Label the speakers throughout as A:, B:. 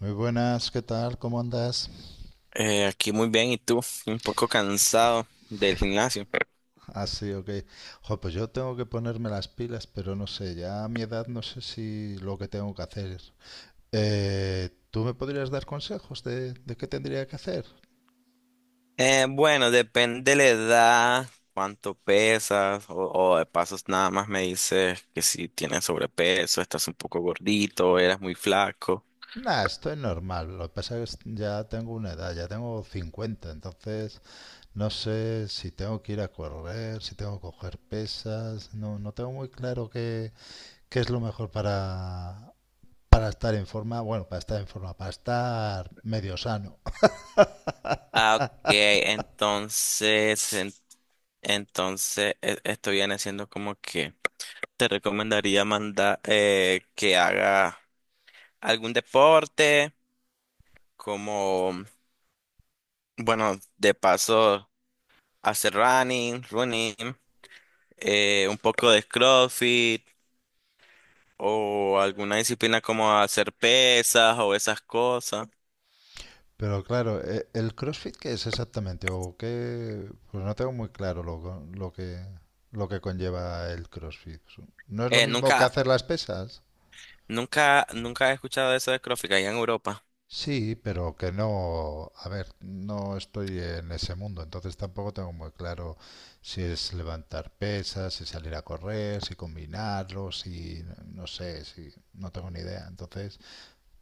A: Muy buenas, ¿qué tal? ¿Cómo andas?
B: Aquí muy bien, ¿y tú? Un poco cansado del gimnasio.
A: Ah, sí, ok. Jo, pues yo tengo que ponerme las pilas, pero no sé, ya a mi edad no sé si lo que tengo que hacer. ¿Tú me podrías dar consejos de qué tendría que hacer?
B: Bueno, depende de la edad, cuánto pesas, o de pasos nada más me dices que si tienes sobrepeso, estás un poco gordito, eras muy flaco.
A: Nah, estoy normal. Lo que pasa es que ya tengo una edad, ya tengo 50, entonces no sé si tengo que ir a correr, si tengo que coger pesas, no, no tengo muy claro qué es lo mejor para estar en forma, bueno, para estar en forma, para estar medio sano.
B: Ah, ok, entonces, entonces esto viene siendo como que te recomendaría mandar que haga algún deporte, como, bueno, de paso, hacer running, un poco de CrossFit o alguna disciplina como hacer pesas o esas cosas.
A: Pero claro, ¿el CrossFit qué es exactamente? ¿O qué? Pues no tengo muy claro lo que conlleva el CrossFit. ¿No es lo
B: Eh,
A: mismo que
B: nunca,
A: hacer las pesas?
B: nunca he escuchado de eso de CrossFit allá en Europa.
A: Sí, pero que no... A ver, no estoy en ese mundo, entonces tampoco tengo muy claro si es levantar pesas, si salir a correr, si combinarlo, si... No sé, si... No tengo ni idea. Entonces,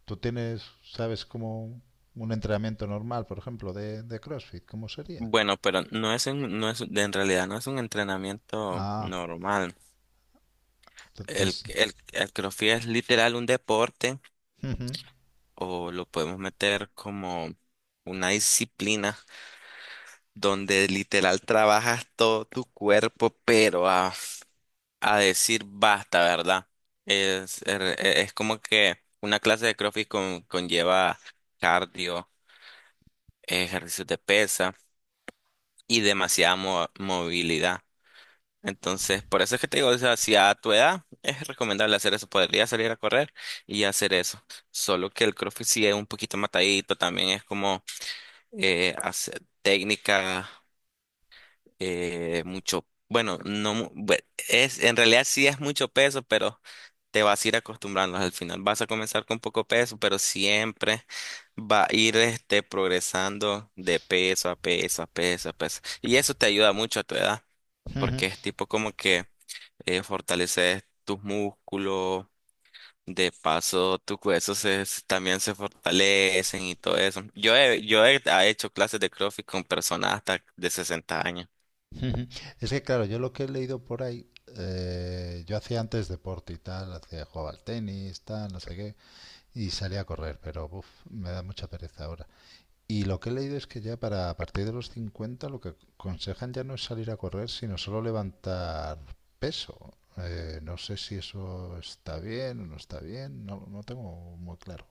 A: ¿tú tienes, sabes, como un entrenamiento normal, por ejemplo, de CrossFit? ¿Cómo sería?
B: Bueno, pero no es, en realidad no es un entrenamiento
A: Ah.
B: normal. El,
A: Entonces,
B: el, el CrossFit es literal un deporte o lo podemos meter como una disciplina donde literal trabajas todo tu cuerpo, pero a decir basta, ¿verdad? Es como que una clase de CrossFit conlleva cardio, ejercicios de pesa y demasiada movilidad. Entonces, por eso es que te digo, o sea, si a tu edad es recomendable hacer eso, podría salir a correr y hacer eso. Solo que el CrossFit sí es un poquito matadito, también es como hacer técnica mucho, bueno, no, es, en realidad sí es mucho peso, pero te vas a ir acostumbrando al final. Vas a comenzar con poco peso, pero siempre va a ir progresando de peso a peso a peso a peso. Y eso te ayuda mucho a tu edad, porque es tipo como que fortaleces tus músculos. De paso, tus huesos también se fortalecen y todo eso. Yo he ha hecho clases de CrossFit con personas hasta de 60 años.
A: es que claro, yo lo que he leído por ahí, yo hacía antes deporte y tal, jugaba al tenis, tal, no sé qué, y salía a correr, pero uf, me da mucha pereza ahora. Y lo que he leído es que ya para a partir de los 50 lo que aconsejan ya no es salir a correr, sino solo levantar peso. No sé si eso está bien o no está bien, no, no tengo muy claro.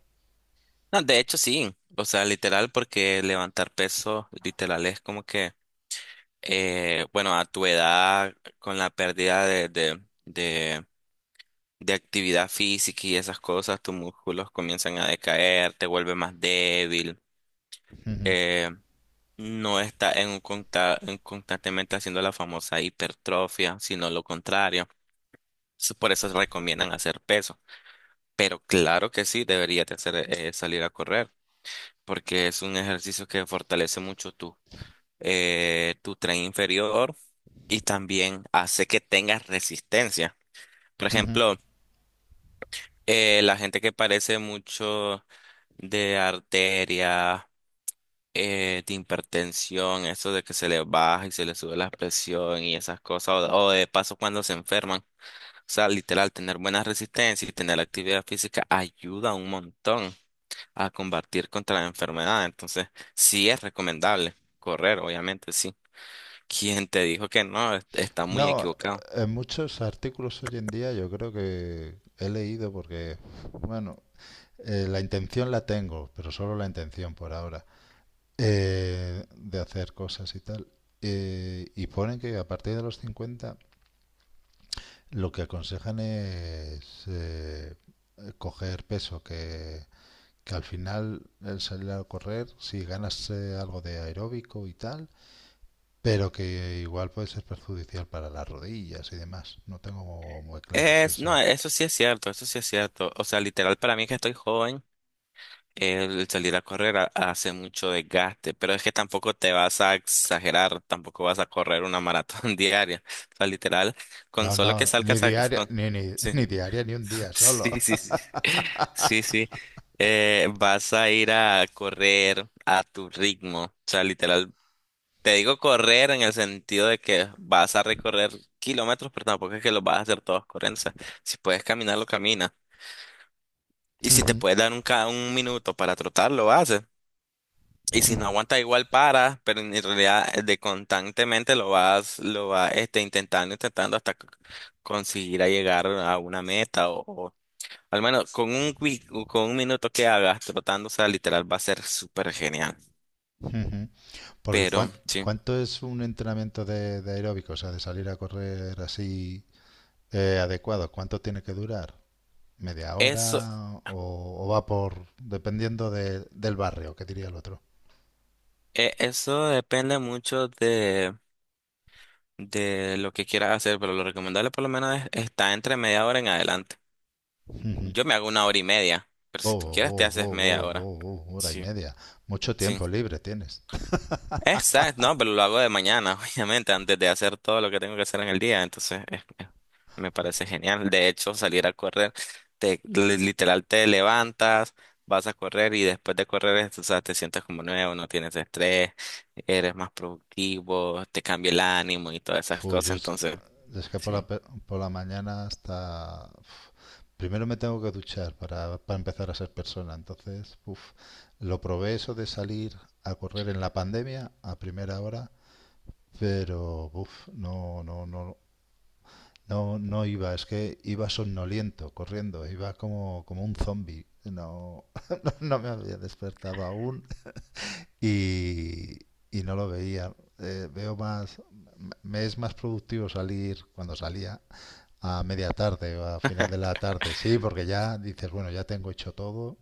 B: No, de hecho sí, o sea, literal, porque levantar peso, literal, es como que, bueno, a tu edad, con la pérdida de actividad física y esas cosas, tus músculos comienzan a decaer, te vuelves más débil, eh, no estás en en constantemente haciendo la famosa hipertrofia, sino lo contrario. Entonces, por eso recomiendan hacer peso. Pero claro que sí, deberías de hacer, salir a correr porque es un ejercicio que fortalece mucho tu tren inferior y también hace que tengas resistencia. Por ejemplo, la gente que padece mucho de arteria, de hipertensión, eso de que se le baja y se le sube la presión y esas cosas, o de paso cuando se enferman. O sea, literal, tener buena resistencia y tener actividad física ayuda un montón a combatir contra la enfermedad. Entonces, sí es recomendable correr, obviamente, sí. ¿Quién te dijo que no? Está muy
A: No,
B: equivocado.
A: en muchos artículos hoy en día yo creo que he leído porque, bueno, la intención la tengo, pero solo la intención por ahora, de hacer cosas y tal. Y ponen que a partir de los 50 lo que aconsejan es coger peso, que al final el salir a correr, si ganas algo de aeróbico y tal, pero que igual puede ser perjudicial para las rodillas y demás. No tengo muy claros
B: No,
A: eso.
B: eso sí es cierto, eso sí es cierto. O sea, literal, para mí que estoy joven, el salir a correr hace mucho desgaste, pero es que tampoco te vas a exagerar, tampoco vas a correr una maratón diaria. O sea, literal,
A: No,
B: con
A: no,
B: solo que
A: ni
B: salgas a...
A: diaria,
B: Con,
A: ni, ni,
B: sí.
A: ni diaria, ni un día solo.
B: Sí, sí, sí. Sí, sí. Vas a ir a correr a tu ritmo. O sea, literal. Te digo correr en el sentido de que vas a recorrer kilómetros, pero tampoco es que los vas a hacer todos corriendo. O sea, si puedes caminarlo, camina. Y si te puedes dar un minuto para trotar, lo haces. Y si no aguanta, igual para, pero en realidad de constantemente lo vas intentando hasta conseguir a llegar a una meta o, al menos con con un minuto que hagas trotando, o sea, literal va a ser súper genial.
A: Porque
B: Pero sí,
A: ¿cuánto es un entrenamiento de aeróbico? O sea, de salir a correr así adecuado. ¿Cuánto tiene que durar? ¿Media
B: eso,
A: hora? ¿O va por... dependiendo del barrio, que diría el otro?
B: eso depende mucho de lo que quieras hacer, pero lo recomendable por lo menos está entre media hora en adelante.
A: Ujú.
B: Yo me hago una hora y media, pero
A: Oh,
B: si tú quieres te
A: oh, oh,
B: haces
A: oh,
B: media
A: oh, oh,
B: hora.
A: oh, oh, hora y
B: Sí,
A: media. Mucho
B: sí.
A: tiempo libre tienes.
B: Exacto, no, pero lo hago de mañana, obviamente, antes de hacer todo lo que tengo que hacer en el día. Entonces, me parece genial. De hecho, salir a correr, literal te levantas, vas a correr y después de correr, o sea, te sientes como nuevo, no tienes estrés, eres más productivo, te cambia el ánimo y todas esas
A: Fu,
B: cosas.
A: yo
B: Entonces,
A: es que por la,
B: sí.
A: pe- por la mañana hasta... Primero me tengo que duchar para empezar a ser persona. Entonces, uf, lo probé eso de salir a correr en la pandemia a primera hora, pero uf, no, no, no, no, no iba. Es que iba somnoliento corriendo, iba como un zombie. No, no me había despertado aún y, y no lo veía. Veo más, me es más productivo salir cuando salía a media tarde o a final de la tarde, sí, porque ya dices, bueno, ya tengo hecho todo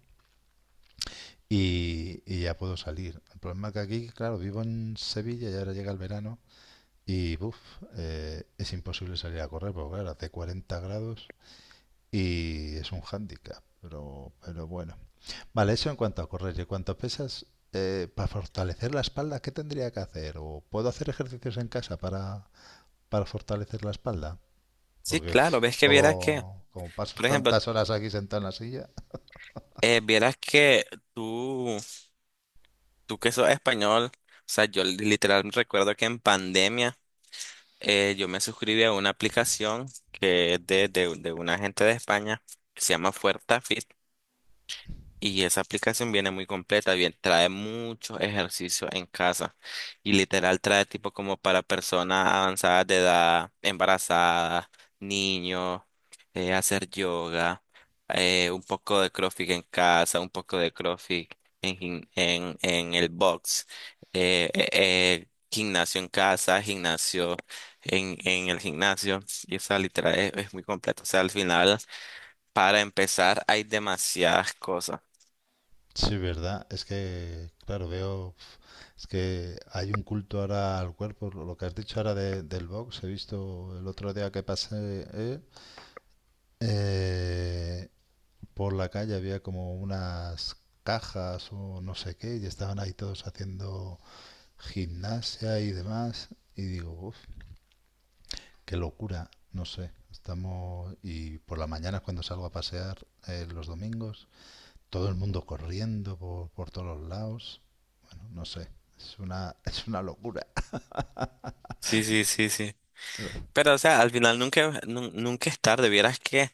A: y ya puedo salir. El problema es que aquí, claro, vivo en Sevilla y ahora llega el verano y buf, es imposible salir a correr, porque claro, hace 40 grados y es un hándicap, pero bueno. Vale, eso en cuanto a correr y en cuanto a pesas, para fortalecer la espalda, ¿qué tendría que hacer? ¿O puedo hacer ejercicios en casa para fortalecer la espalda?
B: Sí,
A: Porque
B: claro, ves que vieras que,
A: como paso
B: por ejemplo,
A: tantas horas aquí sentado en la silla.
B: vieras que tú, tú que sos español, o sea, yo literal recuerdo que en pandemia. Yo me suscribí a una aplicación que es de una gente de España que se llama Fuerza y esa aplicación viene muy completa, bien, trae muchos ejercicios en casa y literal trae tipo como para personas avanzadas de edad, embarazadas, niños, hacer yoga, un poco de CrossFit en casa, un poco de CrossFit en el box, gimnasio en casa, gimnasio en el gimnasio y esa literal es muy completa, o sea, al final para empezar hay demasiadas cosas.
A: Sí, verdad. Es que, claro, veo. Es que hay un culto ahora al cuerpo. Lo que has dicho ahora del box, he visto el otro día que pasé eh, por la calle, había como unas cajas o no sé qué, y estaban ahí todos haciendo gimnasia y demás. Y digo, uff, qué locura. No sé. Estamos. Y por la mañana, cuando salgo a pasear los domingos. Todo el mundo corriendo por todos los lados. Bueno, no sé, es una, es una locura.
B: Sí, sí, sí, sí. Pero, o sea, al final nunca es tarde. Vieras que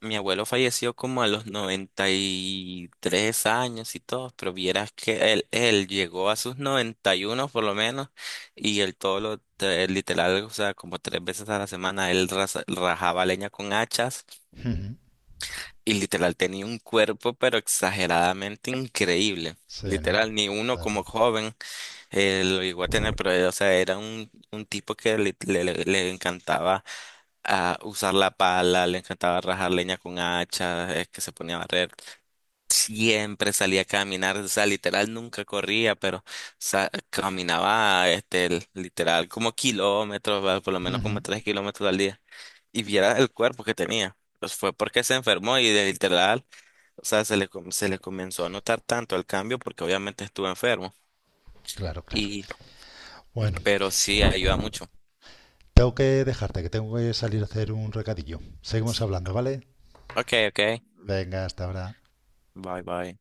B: mi abuelo falleció como a los 93 años y todo, pero vieras que él llegó a sus 91 por lo menos, y él literal, o sea, como tres veces a la semana, él rajaba leña con hachas y literal tenía un cuerpo, pero exageradamente increíble.
A: Sí, ¿no?
B: Literal, ni uno como
A: Claro.
B: joven lo llegó a tener, pero, o sea, era un tipo que le encantaba a usar la pala, le encantaba rajar leña con hacha, es que se ponía a barrer. Siempre salía a caminar, o sea, literal nunca corría, pero caminaba, literal como kilómetros, ¿verdad? Por lo menos como 3 kilómetros al día. Y viera el cuerpo que tenía. Pues fue porque se enfermó y o sea, se le comenzó a notar tanto el cambio porque obviamente estuvo enfermo.
A: Claro, claro.
B: Y,
A: Bueno,
B: pero sí ayuda mucho.
A: tengo que dejarte, que tengo que salir a hacer un recadillo. Seguimos hablando, ¿vale?
B: Ok, ok.
A: Venga, hasta ahora.
B: Bye, bye.